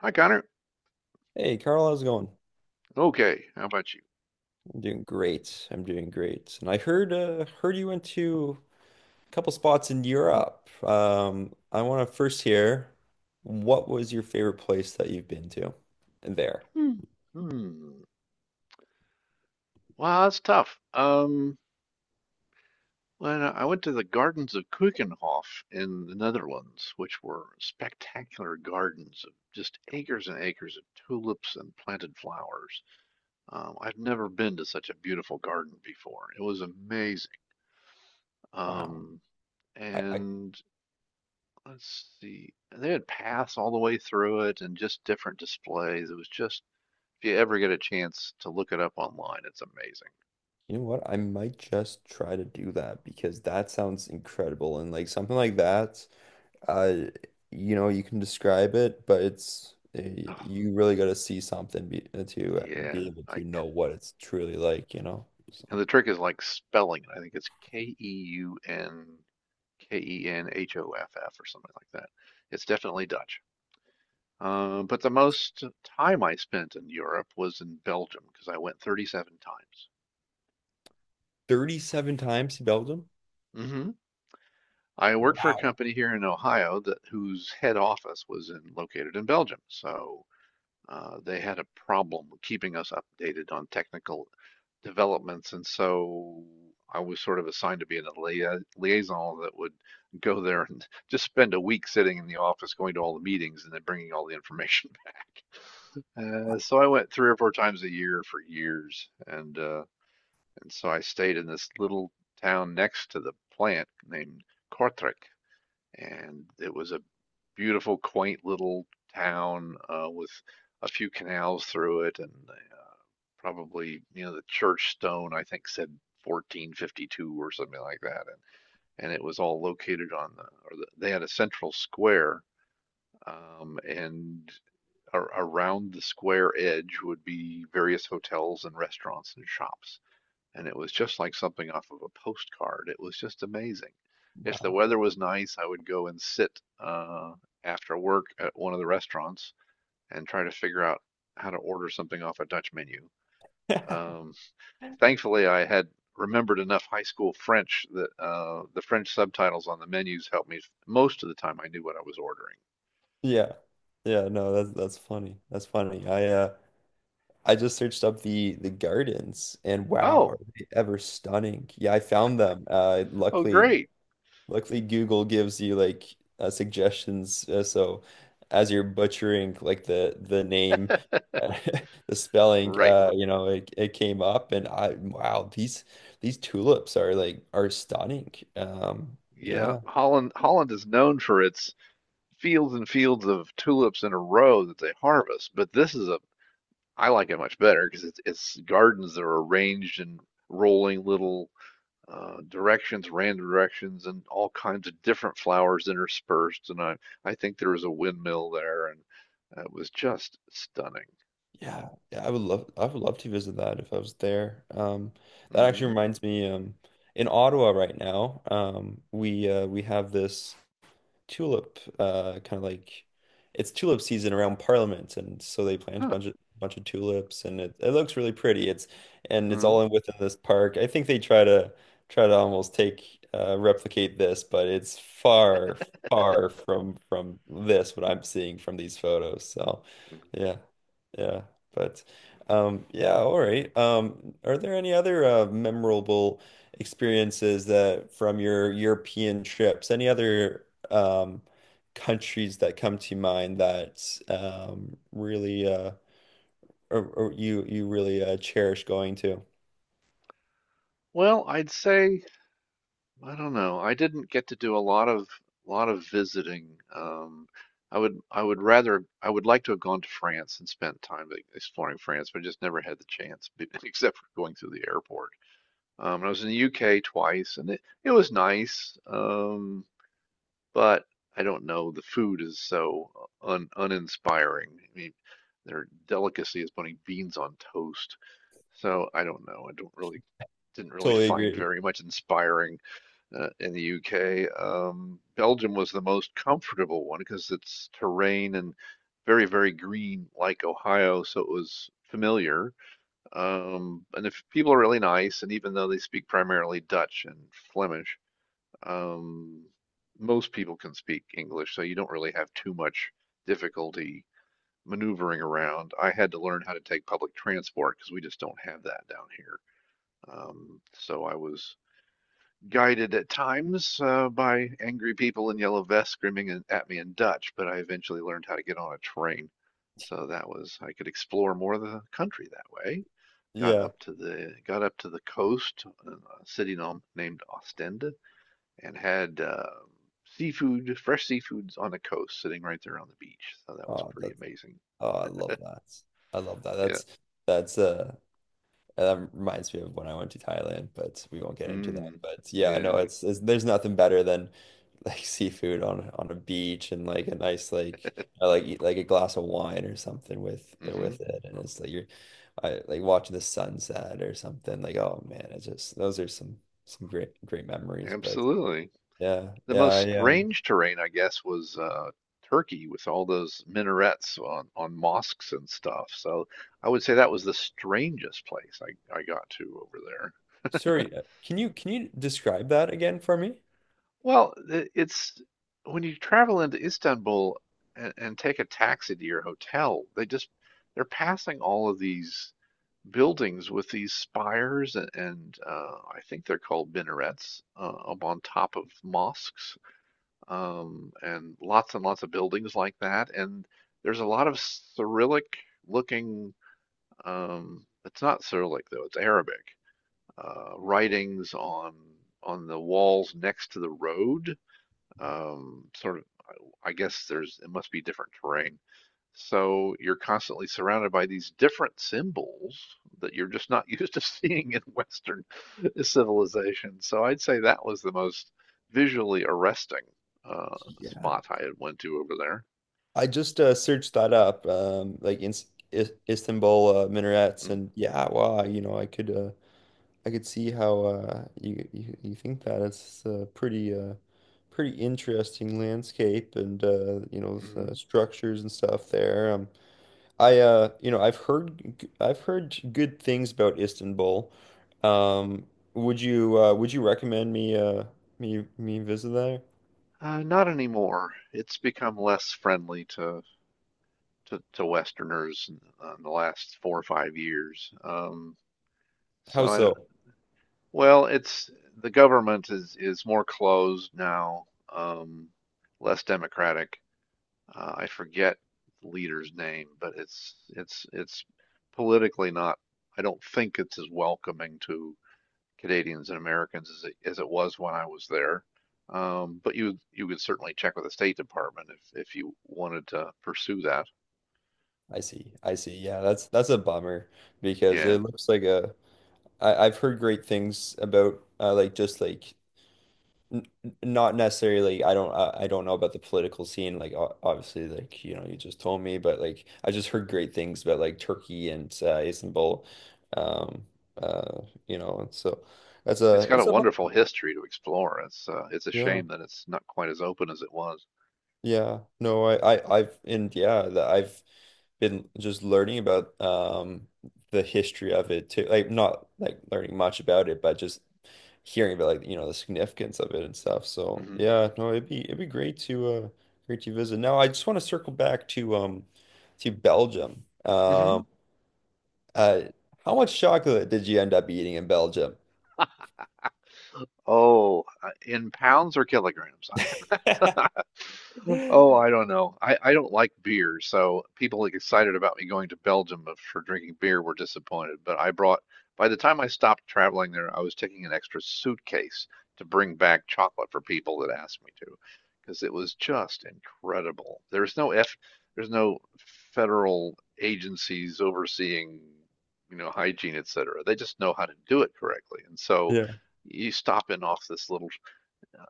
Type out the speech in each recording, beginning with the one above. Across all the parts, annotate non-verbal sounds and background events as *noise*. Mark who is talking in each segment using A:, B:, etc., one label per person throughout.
A: Hi, Connor.
B: Hey Carl, how's it going?
A: Okay, how about you?
B: I'm doing great. I'm doing great. And I heard heard you went to a couple spots in Europe. I want to first hear what was your favorite place that you've been to there?
A: Hmm. Hmm. Wow, that's tough. When I went to the gardens of Keukenhof in the Netherlands, which were spectacular gardens of just acres and acres of tulips and planted flowers. I've never been to such a beautiful garden before. It was amazing.
B: Wow.
A: Um,
B: I
A: and let's see, they had paths all the way through it and just different displays. It was just, if you ever get a chance to look it up online, it's amazing.
B: You know what? I might just try to do that because that sounds incredible and like something like that. Uh, you know, you can describe it, but it's
A: Oh,
B: you really got to see something be, to
A: yeah.
B: be able to
A: Like,
B: know what it's truly like, you know?
A: and
B: So.
A: the trick is like spelling it. I think it's Keunkenhoff or something like that. It's definitely Dutch. But the most time I spent in Europe was in Belgium because I went 37 times.
B: 37 times he belted him?
A: hmm I worked for a
B: Wow.
A: company here in Ohio that whose head office was in located in Belgium. So they had a problem keeping us updated on technical developments, and so I was sort of assigned to be in a liaison that would go there and *laughs* just spend a week sitting in the office, going to all the meetings, and then bringing all the information *laughs* back. So I went 3 or 4 times a year for years, and so I stayed in this little town next to the plant named Kortrijk, and it was a beautiful, quaint little town with a few canals through it, and probably you know the church stone I think said 1452 or something like that, and it was all located on the or the, They had a central square, and a around the square edge would be various hotels and restaurants and shops, and it was just like something off of a postcard. It was just amazing. If the
B: Wow.
A: weather was nice, I would go and sit uh, after work at one of the restaurants and try to figure out how to order something off a Dutch menu.
B: *laughs*
A: Um, Thankfully, I had remembered enough high school French that the French subtitles on the menus helped me. Most of the time, I knew what I was ordering.
B: Yeah. Yeah, no, that's funny. That's funny. I just searched up the gardens and wow, are
A: Oh,
B: they ever stunning. Yeah, I found them.
A: oh,
B: Luckily
A: great.
B: Google gives you like suggestions so as you're butchering like the name
A: *laughs*
B: *laughs* the spelling
A: Right.
B: you know it came up and I wow, these tulips are like are stunning.
A: Yeah,
B: Yeah.
A: Holland is known for its fields and fields of tulips in a row that they harvest. But this is a I like it much better because it's gardens that are arranged in rolling little directions, random directions, and all kinds of different flowers interspersed. And I think there was a windmill there, and it was just stunning.
B: Yeah, yeah, I would love to visit that if I was there. That actually
A: Hmm.
B: reminds me, in Ottawa right now, we have this tulip kind of like it's tulip season around Parliament, and so they plant a
A: Huh.
B: bunch of tulips, and it looks really pretty. It's and it's
A: Hmm.
B: all in within this park. I think they try to try to almost take replicate this, but it's far from this what I'm seeing from these photos. So, yeah. Yeah, but yeah, all right. Are there any other memorable experiences that from your European trips? Any other countries that come to mind that really or you really cherish going to?
A: Well, I'd say. I don't know. I didn't get to do a lot of visiting. I would like to have gone to France and spent time like, exploring France, but I just never had the chance, *laughs* except for going through the airport. And I was in the UK twice, and it was nice. But I don't know. The food is so un uninspiring. I mean, their delicacy is putting beans on toast. So I don't know. I don't really didn't really
B: Totally
A: find
B: agree.
A: very much inspiring in the UK. Belgium was the most comfortable one because it's terrain and very, very green like Ohio, so it was familiar. And if people are really nice, and even though they speak primarily Dutch and Flemish, um, most people can speak English, so you don't really have too much difficulty maneuvering around. I had to learn how to take public transport because we just don't have that down here. So I was guided at times by angry people in yellow vests screaming at me in Dutch, but I eventually learned how to get on a train. So that was I could explore more of the country that way. Got
B: Yeah.
A: up to the got up to the coast, a city named Ostend, and had seafood, fresh seafoods on the coast, sitting right there on the beach. So that was
B: Oh,
A: pretty
B: that's
A: amazing.
B: oh, I love that. I love that.
A: Yeah.
B: That's And that reminds me of when I went to Thailand, but we won't get into that.
A: Mm.
B: But yeah,
A: Yeah.
B: no, it's there's nothing better than like *laughs* seafood on a beach and like a nice like I like eat like a glass of wine or something
A: Hmm.
B: with it, and it's like you're I like watching the sunset or something. Like oh man, it's just those are some great great memories. But
A: Absolutely.
B: yeah,
A: The
B: yeah,
A: most
B: I
A: strange terrain, I guess, was Turkey with all those minarets on mosques and stuff. So I would say that was the strangest place I got to over there.
B: sorry, can you describe that again for me?
A: Well, it's when you travel into Istanbul and take a taxi to your hotel, they're passing all of these buildings with these spires, and I think they're called minarets up on top of mosques. And lots and lots of buildings like that. And there's a lot of Cyrillic looking, it's not Cyrillic though, it's Arabic writings on the walls next to the road. Sort of, I guess there's it must be different terrain, so you're constantly surrounded by these different symbols that you're just not *laughs* used to seeing in Western *laughs* civilization. So I'd say that was the most visually arresting uh,
B: Yeah.
A: spot I had went to over
B: I just searched that up, like in I Istanbul minarets,
A: there. Mm.
B: and yeah, wow, you know, I could see how you you think that it's a pretty pretty interesting landscape and you know
A: Mhm.
B: structures and stuff there. I you know I've heard good things about Istanbul. Um, would you recommend me me me visit there?
A: Not anymore. It's become less friendly to Westerners , in the last 4 or 5 years. So
B: How
A: I don't,
B: so?
A: well, it's the government is more closed now, um, less democratic, I forget the leader's name, but it's politically not. I don't think it's as welcoming to Canadians and Americans as as it was when I was there. But you could certainly check with the State Department if you wanted to pursue that.
B: I see. I see. Yeah, that's a bummer because
A: Yeah,
B: it looks like a I've heard great things about like just like not necessarily like, I don't know about the political scene like obviously like you know you just told me but like I just heard great things about like Turkey and Istanbul um uh you know and so
A: it's got a
B: that's a bummer.
A: wonderful history to explore. It's a
B: Yeah.
A: shame that it's not quite as open as it was.
B: Yeah, no, I've, and yeah, that I've been just learning about the history of it too. Like not like learning much about it, but just hearing about like, you know, the significance of it and stuff. So
A: hmm
B: yeah, no, it'd be great to great to visit. Now I just want to circle back to Belgium.
A: hmm
B: Uh how much chocolate did you end up eating in Belgium?
A: *laughs* Oh, in pounds or kilograms?
B: *laughs*
A: *laughs* Oh, I don't know. I don't like beer, so people like excited about me going to Belgium for drinking beer were disappointed. But I brought, by the time I stopped traveling there, I was taking an extra suitcase to bring back chocolate for people that asked me to, because it was just incredible. There's no federal agencies overseeing, you know, hygiene, et cetera. They just know how to do it correctly. And so
B: Yeah.
A: you stop in off this little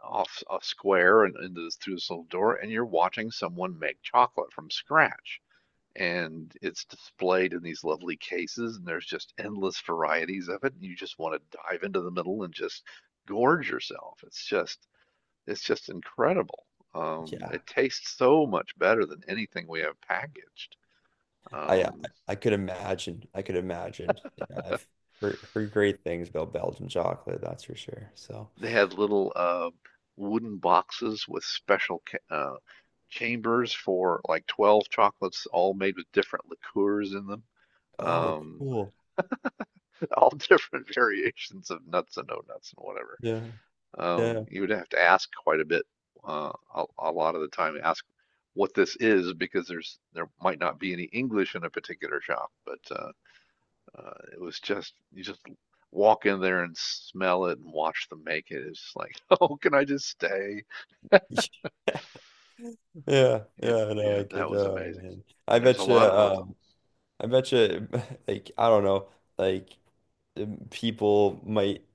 A: off a square and into through this little door, and you're watching someone make chocolate from scratch. And it's displayed in these lovely cases, and there's just endless varieties of it. And you just want to dive into the middle and just gorge yourself. It's just incredible.
B: Yeah.
A: It tastes so much better than anything we have packaged.
B: I I
A: Um,
B: I could imagine. I could imagine. Yeah, I've heard, heard great things about Belgian chocolate, that's for sure. So,
A: They had little wooden boxes with special uh, chambers for like 12 chocolates, all made with different liqueurs in them.
B: oh,
A: Um,
B: cool.
A: *laughs* all different variations of nuts and no nuts and whatever.
B: Yeah, yeah,
A: You would have to ask quite a bit, a lot of the time, ask what this is because there might not be any English in a particular shop, but it was just you just walk in there and smell it and watch them make it. It's like, *laughs* oh, can I just stay?
B: *laughs* yeah,
A: Yeah,
B: yeah. No,
A: yeah,
B: I
A: that
B: could.
A: was
B: Oh
A: amazing.
B: man, I
A: And there's a
B: bet you.
A: lot of them.
B: I bet you. *laughs* Like, I don't know. Like, people might.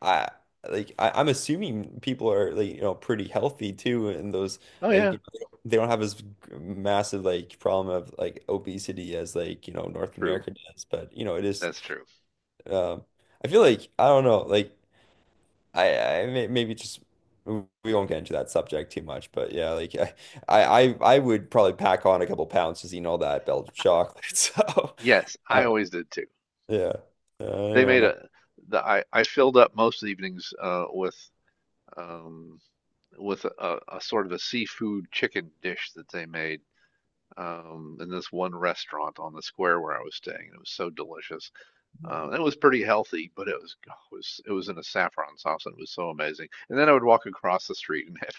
B: I Like I'm assuming people are like you know pretty healthy too, and those
A: Oh
B: like
A: yeah,
B: you know, they don't have as massive like problem of like obesity as like you know North
A: true.
B: America does. But you know it is.
A: That's true.
B: Um, I feel like I don't know. Like I may, maybe just we won't get into that subject too much. But yeah, like *laughs* I would probably pack on a couple pounds just eating all that Belgian chocolate. *laughs*
A: Yes,
B: So
A: I always did too.
B: yeah, I
A: They
B: don't
A: made
B: know.
A: a the I filled up most evenings um with a sort of a seafood chicken dish that they made in this one restaurant on the square where I was staying. It was so delicious. It was pretty healthy, but it was oh, it was in a saffron sauce and it was so amazing. And then I would walk across the street and *laughs*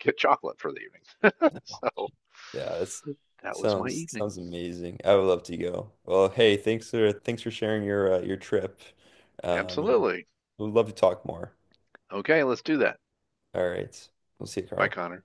A: get chocolate for the evening. *laughs* So
B: Yeah, that's
A: that was my
B: sounds
A: evening.
B: sounds amazing. I would love to go. Well, hey, thanks for thanks for sharing your trip. Um,
A: Absolutely.
B: we'd love to talk more.
A: Okay, let's do that.
B: All right, we'll see you,
A: Bye,
B: Carl.
A: Connor.